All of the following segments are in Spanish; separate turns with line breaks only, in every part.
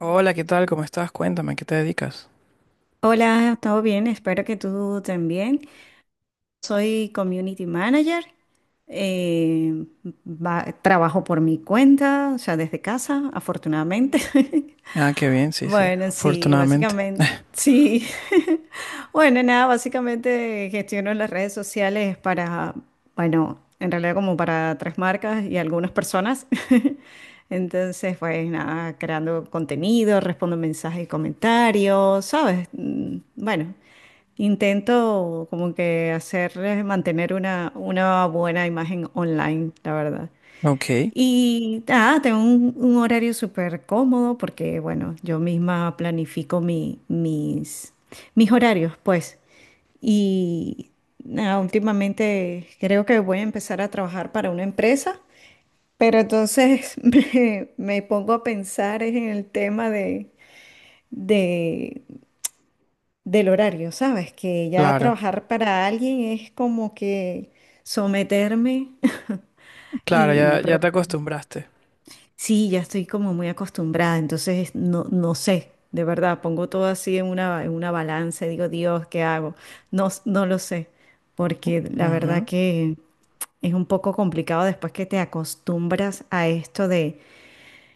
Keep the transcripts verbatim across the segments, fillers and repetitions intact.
Hola, ¿qué tal? ¿Cómo estás? Cuéntame, ¿a ¿qué te dedicas?
Hola, todo bien, espero que tú también. Soy community manager, eh, va- trabajo por mi cuenta, o sea, desde casa, afortunadamente.
Ah, qué bien, sí, sí,
Bueno, sí,
afortunadamente.
básicamente, sí. Bueno, nada, básicamente gestiono las redes sociales para, bueno, en realidad como para tres marcas y algunas personas. Entonces, pues nada, creando contenido, respondo mensajes y comentarios, ¿sabes? Mm, Bueno, intento como que hacerles mantener una, una buena imagen online, la verdad.
Ok,
Y ah, tengo un, un horario súper cómodo porque, bueno, yo misma planifico mi- mis, mis horarios, pues. Y nada, últimamente creo que voy a empezar a trabajar para una empresa, pero entonces me, me pongo a pensar es en el tema de, de- del horario, ¿sabes? Que ya
claro,
trabajar para alguien es como que someterme
claro,
y,
ya, ya
pero
te
bueno.
acostumbraste.
Sí, ya estoy como muy acostumbrada, entonces no, no sé, de verdad, pongo todo así en una, en una balanza y digo, Dios, ¿qué hago? No, s- no lo sé, porque la verdad
Ujú,
que es un poco complicado después que te acostumbras a esto de,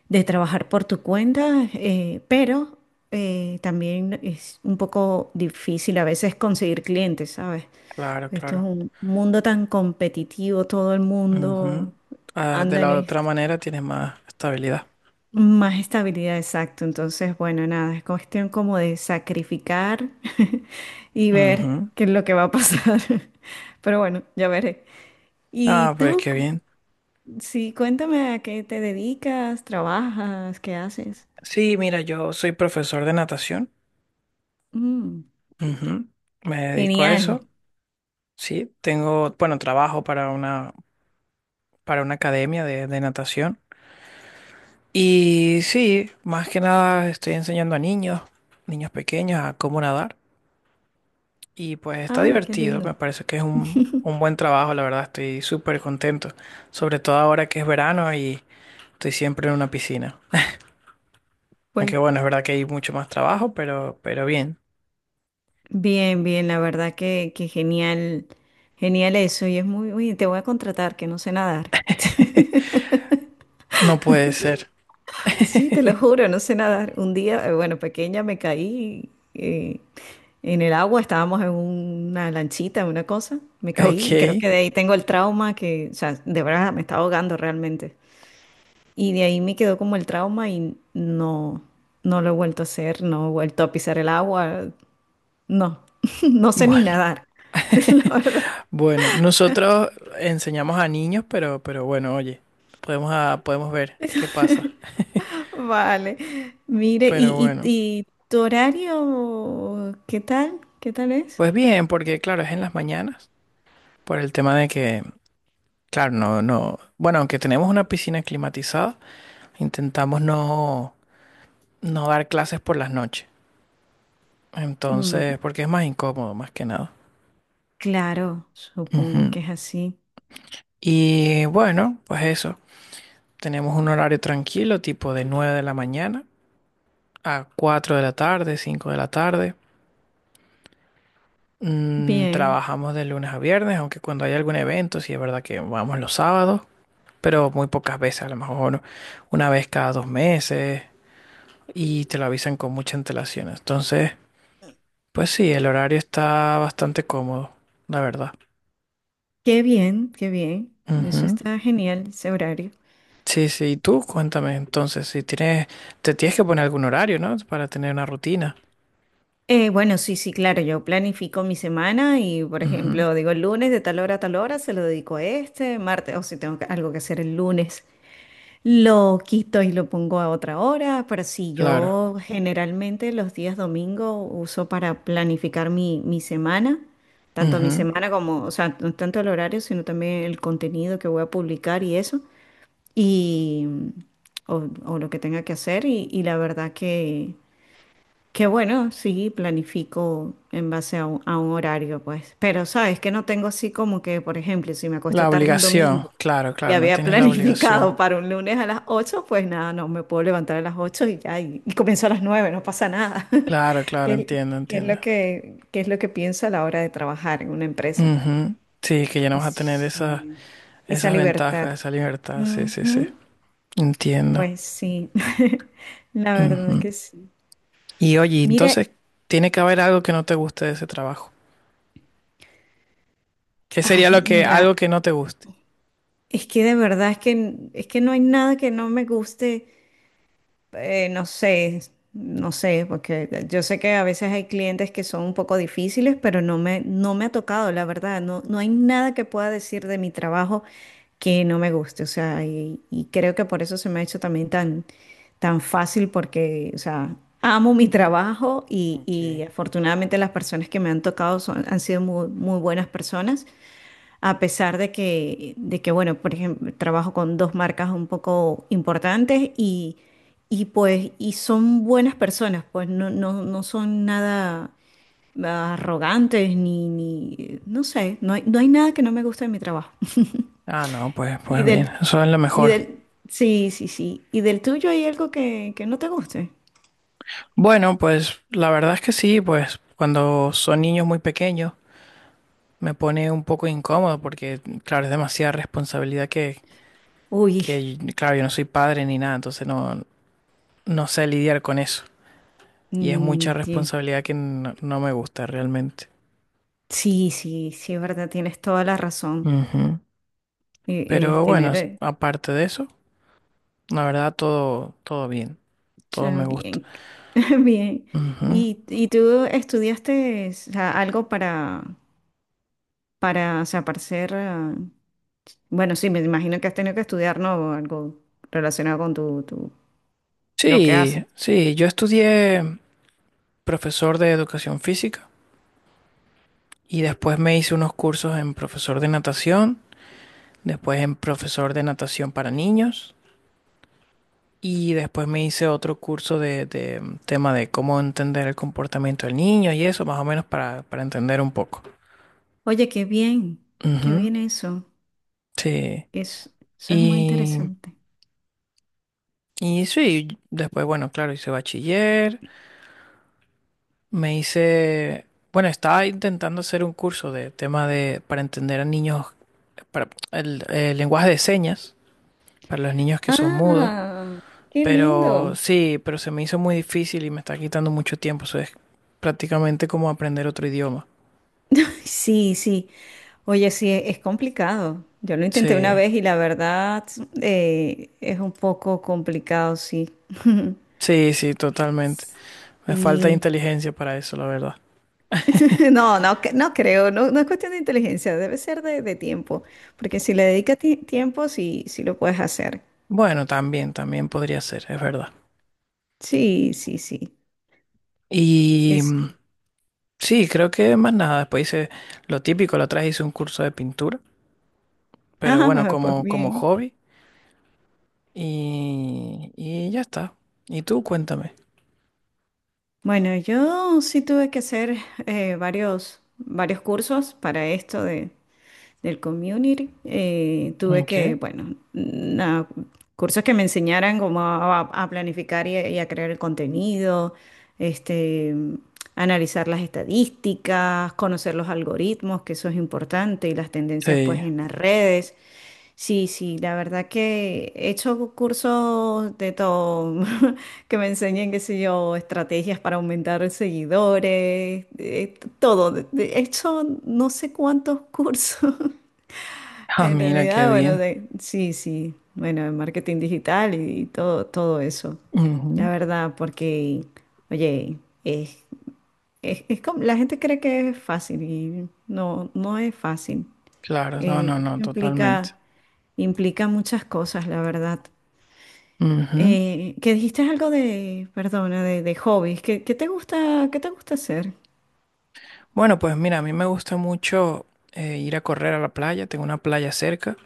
de trabajar por tu cuenta, eh, pero eh, también es un poco difícil a veces conseguir clientes, ¿sabes?
claro,
Esto es
claro.
un mundo tan competitivo, todo el mundo
Ujú. Ah, de
anda en
la otra
esto.
manera tienes más estabilidad.
Más estabilidad, exacto. Entonces, bueno, nada, es cuestión como de sacrificar y ver
Ujú.
qué es lo que va a pasar. Pero bueno, ya veré. ¿Y
Ah, pues
tú?
qué
cu-
bien.
Sí, cuéntame a qué te dedicas, trabajas, qué haces.
Sí, mira, yo soy profesor de natación.
Mm,
Ujú. Me dedico a
genial.
eso. Sí, tengo, bueno, trabajo para una, para una academia de, de natación. Y sí, más que nada estoy enseñando a niños, niños pequeños, a cómo nadar. Y pues está
Ay, qué
divertido,
lindo.
me parece que es un, un buen trabajo, la verdad, estoy súper contento. Sobre todo ahora que es verano y estoy siempre en una piscina.
Pues
Aunque bueno, es verdad que hay mucho más trabajo, pero, pero bien,
bien, bien, la verdad que, que genial, genial eso. Y es muy, uy, te voy a contratar, que no sé nadar.
no puede ser.
Sí, te lo juro, no sé nadar. Un día, eh, bueno, pequeña me caí eh, en el agua, estábamos en una lanchita, una cosa, me caí
Ok,
y creo que de ahí tengo el trauma que, o sea, de verdad me estaba ahogando realmente. Y de ahí me quedó como el trauma y no, no lo he vuelto a hacer, no he vuelto a pisar el agua, no, no sé ni
bueno.
nadar, la verdad.
Bueno, nosotros enseñamos a niños, pero, pero bueno, oye, podemos, a- podemos ver qué pasa.
Vale, mire,
Pero
¿y, y,
bueno.
y tu horario qué tal? ¿Qué tal es?
Pues bien, porque claro, es en las mañanas, por el tema de que, claro, no, no, bueno, aunque tenemos una piscina climatizada, intentamos no, no dar clases por las noches. Entonces,
Mm.
porque es más incómodo, más que nada.
Claro, supongo
Ujú.
que es así.
Y bueno, pues eso. Tenemos un horario tranquilo, tipo de nueve de la mañana a cuatro de la tarde, cinco de la tarde. Mm,
Bien,
trabajamos de lunes a viernes, aunque cuando hay algún evento, sí es verdad que vamos los sábados. Pero muy pocas veces, a lo mejor una vez cada dos meses y te lo avisan con mucha antelación. Entonces, pues sí, el horario está bastante cómodo, la verdad.
qué bien, qué bien. Eso
Ujú.
está genial, ese horario.
Sí, sí, y tú cuéntame entonces, si tienes, te tienes que poner algún horario, ¿no? Para tener una rutina.
Eh, bueno, sí, sí, claro, yo planifico mi semana y, por
Ujú.
ejemplo, digo el lunes de tal hora a tal hora, se lo dedico a este, martes, o si tengo que- algo que hacer el lunes, lo quito y lo pongo a otra hora, pero sí,
Claro.
yo generalmente los días domingo uso para planificar mi, mi semana, tanto mi
Ujú.
semana como, o sea, no tanto el horario, sino también el contenido que voy a publicar y eso. Y, o, o lo que tenga que hacer y, y la verdad que, que bueno, sí, planifico en base a un, a un horario, pues, pero sabes que no tengo así como que, por ejemplo, si me acuesto
La
tarde un
obligación,
domingo
claro,
y
claro, no
había
tienes la obligación.
planificado para un lunes a las ocho pues nada, no me puedo levantar a las ocho y ya, y, y comienzo a las nueve no pasa nada.
Claro, claro,
¿Qué,
entiendo,
qué es
entiendo.
lo que, qué es lo que pienso a la hora de trabajar en una empresa?
Ujú. Sí, que ya no vas a tener esa,
Sí, esa
esas
libertad.
ventajas, esa libertad, sí, sí, sí.
Ujú.
Entiendo.
Pues sí, la verdad
Ujú.
que sí.
Y oye,
Mira,
entonces tiene que haber algo que no te guste de ese trabajo. ¿Qué sería
ay,
lo que,
mira,
algo que no te guste?
es que de verdad es que, es que no hay nada que no me guste. eh, no sé, no sé, porque yo sé que a veces hay clientes que son un poco difíciles, pero no me, no me ha tocado, la verdad. No, no hay nada que pueda decir de mi trabajo que no me guste. O sea, y, y creo que por eso se me ha hecho también tan, tan fácil, porque, o sea, amo mi trabajo y, y
Ok.
afortunadamente las personas que me han tocado son, han sido muy, muy buenas personas. A pesar de que, de que, bueno, por ejemplo, trabajo con dos marcas un poco importantes y, y pues, y son buenas personas, pues no, no, no son nada arrogantes ni, ni, no sé, no hay, no hay nada que no me guste de mi trabajo.
Ah, no, pues,
Y
pues bien,
del,
eso es lo
y
mejor.
del, sí, sí, sí. ¿Y del tuyo hay algo que, que no te guste?
Bueno, pues la verdad es que sí, pues cuando son niños muy pequeños me pone un poco incómodo porque, claro, es demasiada responsabilidad que,
Uy,
que, claro, yo no soy padre ni nada, entonces no, no sé lidiar con eso. Y es mucha
mm, ti-
responsabilidad que no, no me gusta realmente.
sí, sí, sí, es verdad, tienes toda la razón.
Ujú.
Eh, eh,
Pero bueno,
tener,
s-
eh,
aparte de eso. La verdad, todo, todo bien, todo me
Yo
gusta.
bien, bien.
Ujú.
¿Y, y tú estudiaste, o sea, algo para, para, o sea, para ser, ah, bueno, sí, me imagino que has tenido que estudiar, ¿no? Algo relacionado con tu, tu, lo que haces.
Sí, sí, yo estudié profesor de educación física y después me hice unos cursos en profesor de natación, después en profesor de natación para niños y después me hice otro curso de, de tema de cómo entender el comportamiento del niño y eso, más o menos para, para entender un poco.
Oye, qué bien, qué
Ujú.
bien eso.
Sí,
Es, eso es muy
y,
interesante.
y sí, después, bueno, claro, hice bachiller. Me hice, bueno, estaba intentando hacer un curso de tema de, para entender a niños, para el, el lenguaje de señas, para los niños que son mudos,
Ah, qué
pero
lindo.
sí, pero se me hizo muy difícil y me está quitando mucho tiempo, eso es prácticamente como aprender otro idioma.
Sí, sí. Oye, sí, e- es complicado. Yo lo intenté una
Sí,
vez y la verdad eh, es un poco complicado, sí.
sí, sí, totalmente. Me falta
Sí,
inteligencia para eso, la verdad.
no, no, cre- no creo, no, no es cuestión de inteligencia, debe ser de, de tiempo, porque si le dedicas ti- tiempo, sí, sí lo puedes hacer.
Bueno, también, también podría ser, es verdad.
Sí, sí, sí.
Y
Es...
mm, sí, creo que más nada, después hice lo típico, la otra vez hice un curso de pintura. Pero bueno,
Ah, pues
como, como
bien.
hobby y, y ya está. Y tú, cuéntame.
Bueno, yo sí tuve que hacer eh, varios, varios cursos para esto de. Del community. eh, tuve que,
¿Qué?
bueno, na- cursos que me enseñaran cómo a, a planificar y a, y a crear el contenido, este, analizar las estadísticas, conocer los algoritmos, que eso es importante, y las tendencias pues
Sí.
en las redes. Sí, sí, la verdad que he hecho cursos de todo, que me enseñen, qué sé yo, estrategias para aumentar seguidores, eh, todo. De de hecho, no sé cuántos cursos.
Ah,
En
mira, qué
realidad, bueno,
bien.
de- sí, sí, bueno, en marketing digital y, y todo, todo eso.
Ujú.
La verdad, porque, oye, es, es, es como... la gente cree que es fácil y no, no es fácil.
Claro, no, no,
Eh, eso
no, totalmente.
implica, implica muchas cosas, la verdad.
Ujú.
Eh, que dijiste algo de, perdona, de, de hobbies. ¿Qué, qué te gusta, qué te gusta hacer?
Bueno, pues mira, a mí me gusta mucho eh, ir a correr a la playa, tengo una playa cerca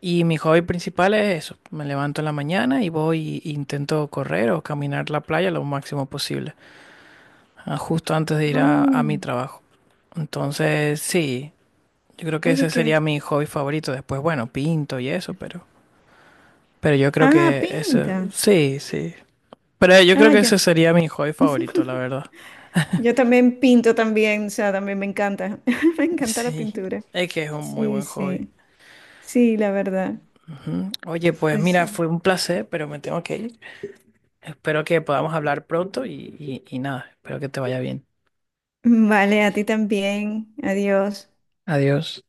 y mi hobby principal es eso. Me levanto en la mañana y voy e intento correr o caminar la playa lo máximo posible, ah, justo antes de ir a, a mi
Mm,
trabajo. Entonces, sí, yo creo que
oye,
ese sería
que,
mi hobby favorito. Después, bueno, pinto y eso, pero, pero yo creo
ah,
que eso,
pintas.
sí, sí. Pero yo creo
Ah,
que
yo.
ese sería mi hobby favorito, la verdad.
Yo también pinto también, o sea, también me encanta. Me encanta la
Sí,
pintura.
es que es un muy
Sí,
buen hobby.
sí, sí, la verdad.
Ujú. Oye, pues
Es...
mira, fue un placer, pero me tengo que ir. Espero que podamos hablar pronto y, y, y nada, espero que te vaya bien.
Vale, a ti también. Adiós.
Adiós.